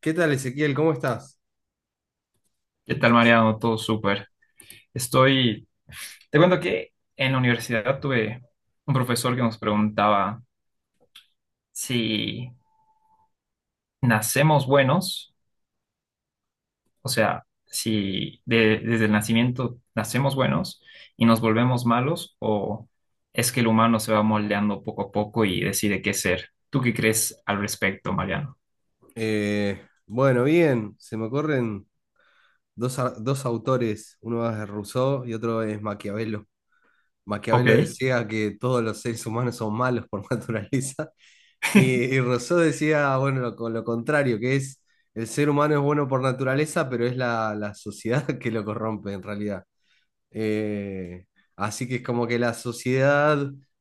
¿Qué tal, Ezequiel? ¿Cómo estás? ¿Qué tal, Mariano? Todo súper. Estoy. Te cuento que en la universidad tuve un profesor que nos preguntaba si nacemos buenos, o sea, si desde el nacimiento nacemos buenos y nos volvemos malos, o es que el humano se va moldeando poco a poco y decide qué ser. ¿Tú qué crees al respecto, Mariano? Bueno, bien, se me ocurren dos, dos autores, uno es Rousseau y otro es Maquiavelo. Maquiavelo Ok. decía que todos los seres humanos son malos por naturaleza y Rousseau decía, bueno, con lo contrario, que es el ser humano es bueno por naturaleza, pero es la sociedad que lo corrompe en realidad. Eh, Así que es como que la sociedad,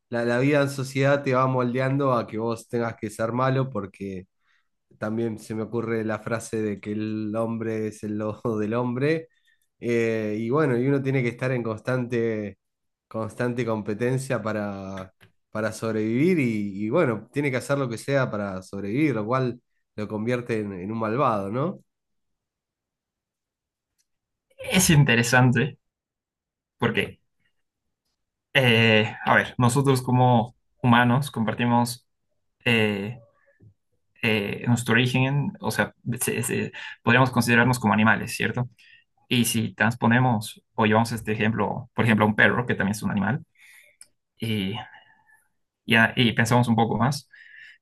la, la vida en sociedad te va moldeando a que vos tengas que ser malo porque también se me ocurre la frase de que el hombre es el lobo del hombre. Y bueno, y uno tiene que estar en constante competencia para sobrevivir y bueno, tiene que hacer lo que sea para sobrevivir, lo cual lo convierte en un malvado, ¿no? Es interesante porque, a ver, nosotros como humanos compartimos. eh, nuestro origen, o sea, se- se- podríamos considerarnos como animales, ¿cierto? Y si transponemos o llevamos este ejemplo, por ejemplo, a un perro, que también es un animal, y, y pensamos un poco más,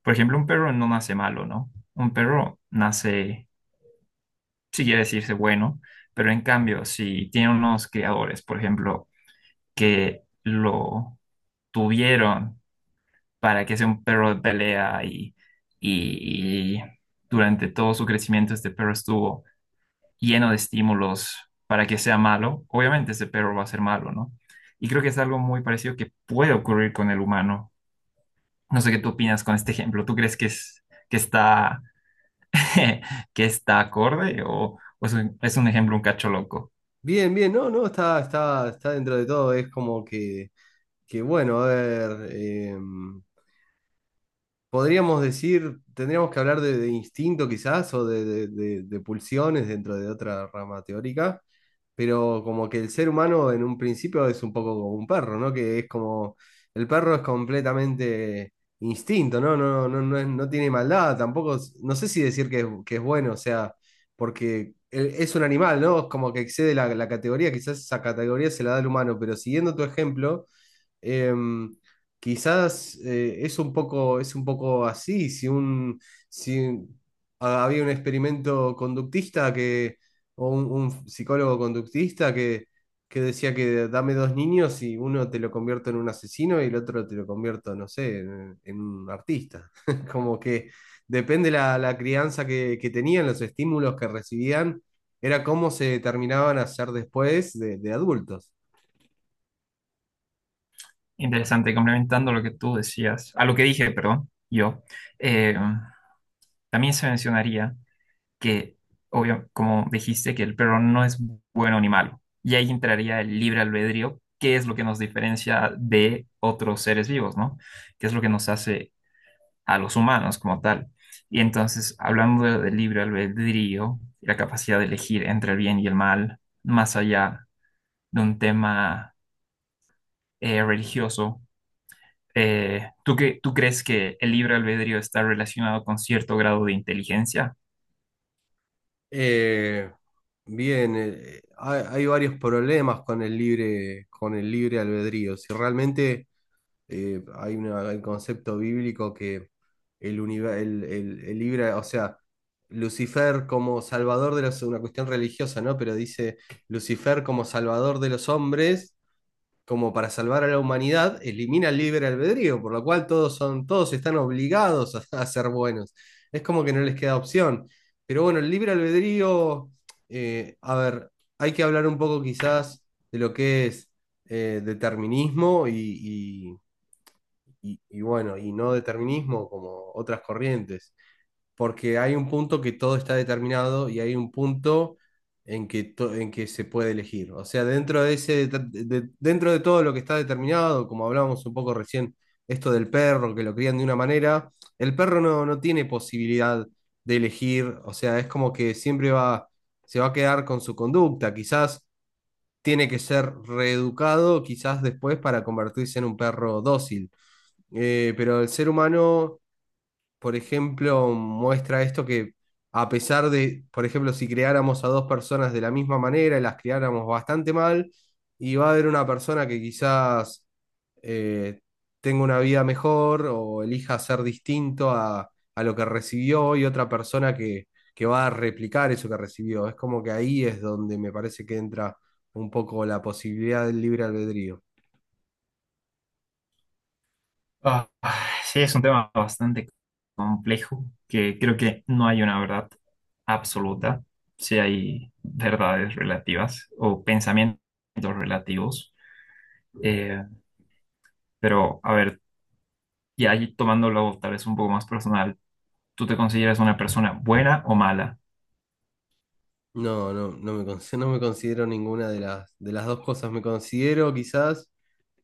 por ejemplo, un perro no nace malo, ¿no? Un perro nace, si quiere decirse, bueno, pero en cambio, si tiene unos criadores, por ejemplo, que lo tuvieron para que sea un perro de pelea y, y durante todo su crecimiento este perro estuvo lleno de estímulos para que sea malo, obviamente ese perro va a ser malo, ¿no? Y creo que es algo muy parecido que puede ocurrir con el humano. No sé qué tú opinas con este ejemplo. ¿Tú crees que es que está que está acorde Sí. O es un ejemplo un cacho loco? Bien, bien, no, no, está dentro de todo, es como que bueno, a ver, podríamos decir, tendríamos que hablar de instinto quizás o de pulsiones dentro de otra rama teórica, pero como que el ser humano en un principio es un poco como un perro, ¿no? Que es como, el perro es completamente instinto, ¿no? No, no, no, no tiene maldad, tampoco, no sé si decir que que es bueno, o sea, porque... Es un animal, ¿no? Es como que excede la categoría, quizás esa categoría se la da al humano, pero siguiendo tu ejemplo. Em, Quizás es un poco así, si había un experimento conductista que, o un psicólogo conductista que decía que dame dos niños y uno te lo convierto en un asesino y el otro te lo convierto, no sé, en un artista. Como que depende la crianza que tenían, los estímulos que recibían, era cómo se terminaban a ser después de adultos. Interesante, complementando lo que tú decías, a lo que dije, perdón, yo, eh, también se mencionaría que, obvio, como dijiste, que el perro no es bueno ni malo. Y ahí entraría el libre albedrío, que es lo que nos diferencia de otros seres vivos, ¿no? Que es lo que nos hace a los humanos como tal. Y entonces, hablando del libre albedrío, la capacidad de elegir entre el bien y el mal, más allá de un tema religioso, ¿tú, tú crees que el libre albedrío está relacionado con cierto grado de inteligencia? Eh, Bien, hay varios problemas con con el libre albedrío. Si realmente hay un concepto bíblico que el, univer- el libre, o sea, Lucifer como salvador de los, una cuestión religiosa, ¿no? Pero dice Lucifer como salvador de los hombres como para salvar a la humanidad, elimina el libre albedrío, por lo cual todos están obligados a, a ser buenos. Es como que no les queda opción. Pero bueno, el libre albedrío, a ver, hay que hablar un poco quizás de lo que es determinismo y bueno, y no determinismo como otras corrientes porque hay un punto que todo está determinado y hay un punto en en que se puede elegir. O sea, dentro de ese, dentro de todo lo que está determinado, como hablábamos un poco recién, esto del perro, que lo crían de una manera, el perro no, no tiene posibilidad de elegir, o sea, es como que siempre va, se va a quedar con su conducta, quizás tiene que ser reeducado, quizás después para convertirse en un perro dócil. Pero el ser humano por ejemplo, muestra esto que a pesar de, por ejemplo, si creáramos a dos personas de la misma manera y las criáramos bastante mal, y va a haber una persona que quizás eh, tenga una vida mejor o elija ser distinto a lo que recibió y otra persona que va a replicar eso que recibió. Es como que ahí es donde me parece que entra un poco la posibilidad del libre albedrío. Ah, sí, es un tema bastante complejo que creo que no hay una verdad absoluta. Sí hay verdades relativas o pensamientos relativos. Eh, pero, a ver, y ahí tomándolo tal vez un poco más personal, ¿tú te consideras una persona buena o mala? No, no, no me, no me considero ninguna de de las dos cosas. Me considero quizás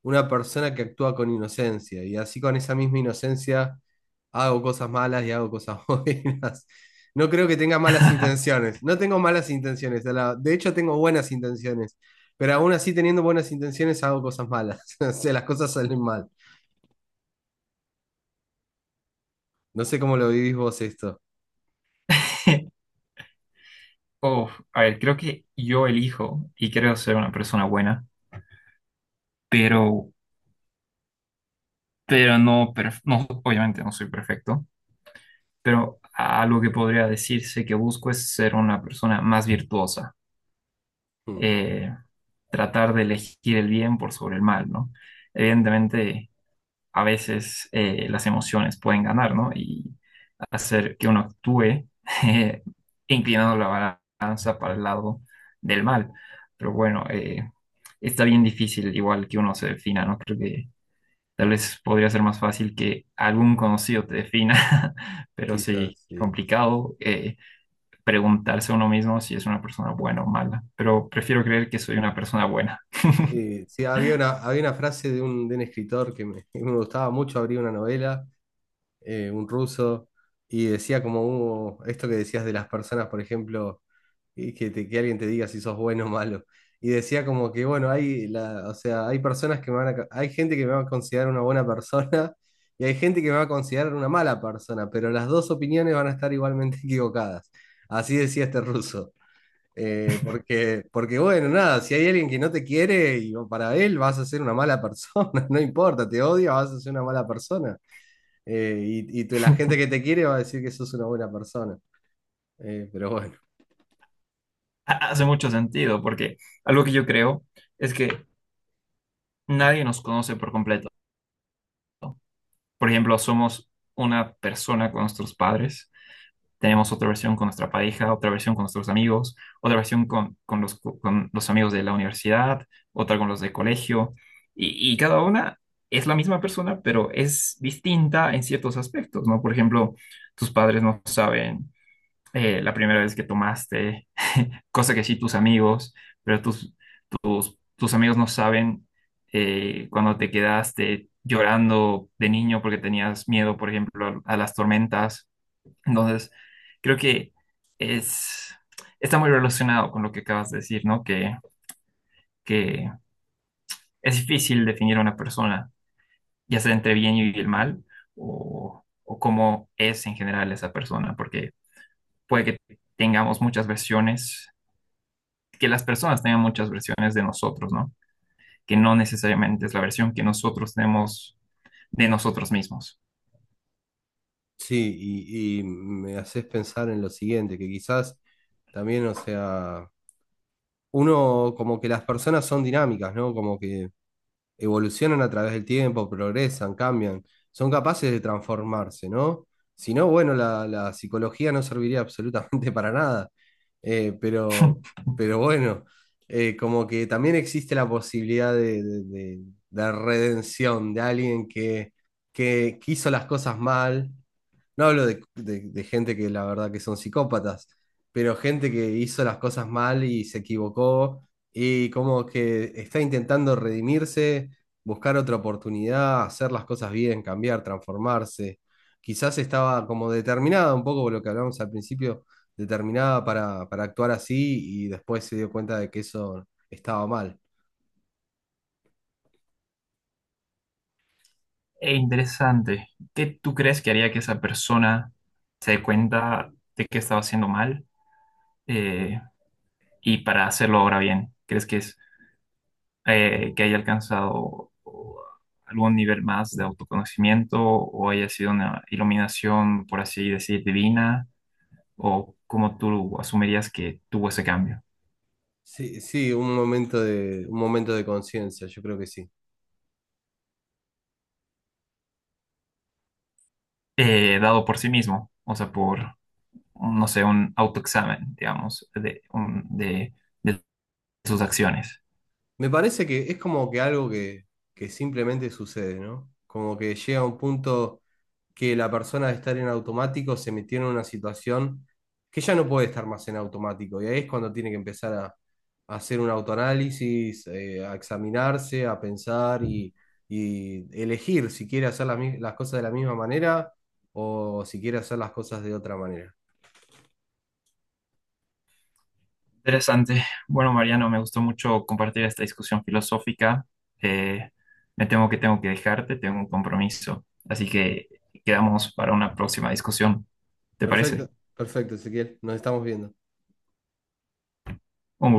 una persona que actúa con inocencia y así con esa misma inocencia hago cosas malas y hago cosas buenas. No creo que tenga malas intenciones, no tengo malas intenciones, de hecho tengo buenas intenciones, pero aún así teniendo buenas intenciones hago cosas malas, o sea, las cosas salen mal. No sé cómo lo vivís vos esto. Uf, a ver, creo que yo elijo y creo ser una persona buena, pero, no, obviamente no soy perfecto. Pero algo que podría decirse que busco es ser una persona más virtuosa, Hmm, eh, tratar de elegir el bien por sobre el mal, ¿no? Evidentemente, a veces las emociones pueden ganar, ¿no? Y hacer que uno actúe eh, inclinando la balanza para el lado del mal. Pero bueno, está bien difícil igual que uno se defina, ¿no? Creo que tal vez podría ser más fácil que algún conocido te defina, pero quizás, sí, sí. Sí, sí. complicado, preguntarse a uno mismo si es una persona buena o mala. Pero prefiero creer que soy una persona buena. Sí, sí, había había una frase de un escritor que que me gustaba mucho, abría una novela. Un ruso, y decía como esto que decías de las personas, por ejemplo, y que, que alguien te diga si sos bueno o malo. Y decía como que, bueno, o sea, hay personas que me van hay gente que me va a considerar una buena persona y hay gente que me va a considerar una mala persona, pero las dos opiniones van a estar igualmente equivocadas. Así decía este ruso. Porque, porque, bueno, nada, si hay alguien que no te quiere, y para él vas a ser una mala persona, no importa, te odia, vas a ser una mala persona. La gente que te quiere va a decir que sos una buena persona. Pero bueno, Hace mucho sentido, porque algo que yo creo es que nadie nos conoce por completo. Por ejemplo, somos una persona con nuestros padres. Tenemos otra versión con nuestra pareja, otra versión con nuestros amigos, otra versión con los amigos de la universidad, otra con los de colegio. Y cada una es la misma persona, pero es distinta en ciertos aspectos, ¿no? Por ejemplo, tus padres no saben, la primera vez que tomaste, cosa que sí tus amigos, pero tus, tus amigos no saben, cuando te quedaste llorando de niño porque tenías miedo, por ejemplo, a las tormentas, entonces, creo que es, está muy relacionado con lo que acabas de decir, ¿no? Que es difícil definir a una persona, ya sea entre bien y el mal, o cómo es en general esa persona, porque puede que tengamos muchas versiones, que las personas tengan muchas versiones de nosotros, ¿no? Que no necesariamente es la versión que nosotros tenemos de nosotros mismos. sí, y me haces pensar en lo siguiente, que quizás también, o sea, uno como que las personas son dinámicas, ¿no? Como que evolucionan a través del tiempo, progresan, cambian, son capaces de transformarse, ¿no? Si no, bueno, la psicología no serviría absolutamente para nada. Eh, pero, pero bueno, como que también existe la posibilidad de redención de alguien que hizo las cosas mal, no hablo de gente que la verdad que son psicópatas, pero gente que hizo las cosas mal y se equivocó y como que está intentando redimirse, buscar otra oportunidad, hacer las cosas bien, cambiar, transformarse. Quizás estaba como determinada, un poco por lo que hablamos al principio, determinada para actuar así y después se dio cuenta de que eso estaba mal. E interesante, ¿qué tú crees que haría que esa persona se dé cuenta de que estaba haciendo mal? eh, ¿Y para hacerlo ahora bien? ¿Crees que es que haya alcanzado o, algún nivel más de autoconocimiento o haya sido una iluminación, por así decir, divina? ¿O cómo tú asumirías que tuvo ese cambio? Sí, sí, un momento de conciencia, yo creo que sí. Dado por sí mismo, o sea, por, no sé, un autoexamen, digamos, de, de sus acciones. Me parece que es como que algo que simplemente sucede, ¿no? Como que llega un punto que la persona de estar en automático se metió en una situación que ya no puede estar más en automático. Y ahí es cuando tiene que empezar a hacer un autoanálisis, a examinarse, a pensar y elegir si quiere hacer las cosas de la misma manera o si quiere hacer las cosas de otra manera. Interesante. Bueno, Mariano, me gustó mucho compartir esta discusión filosófica. Eh, Me temo que tengo que dejarte, tengo un compromiso. Así que quedamos para una próxima discusión. ¿Te Perfecto, parece? perfecto, Ezequiel. Nos estamos viendo. Un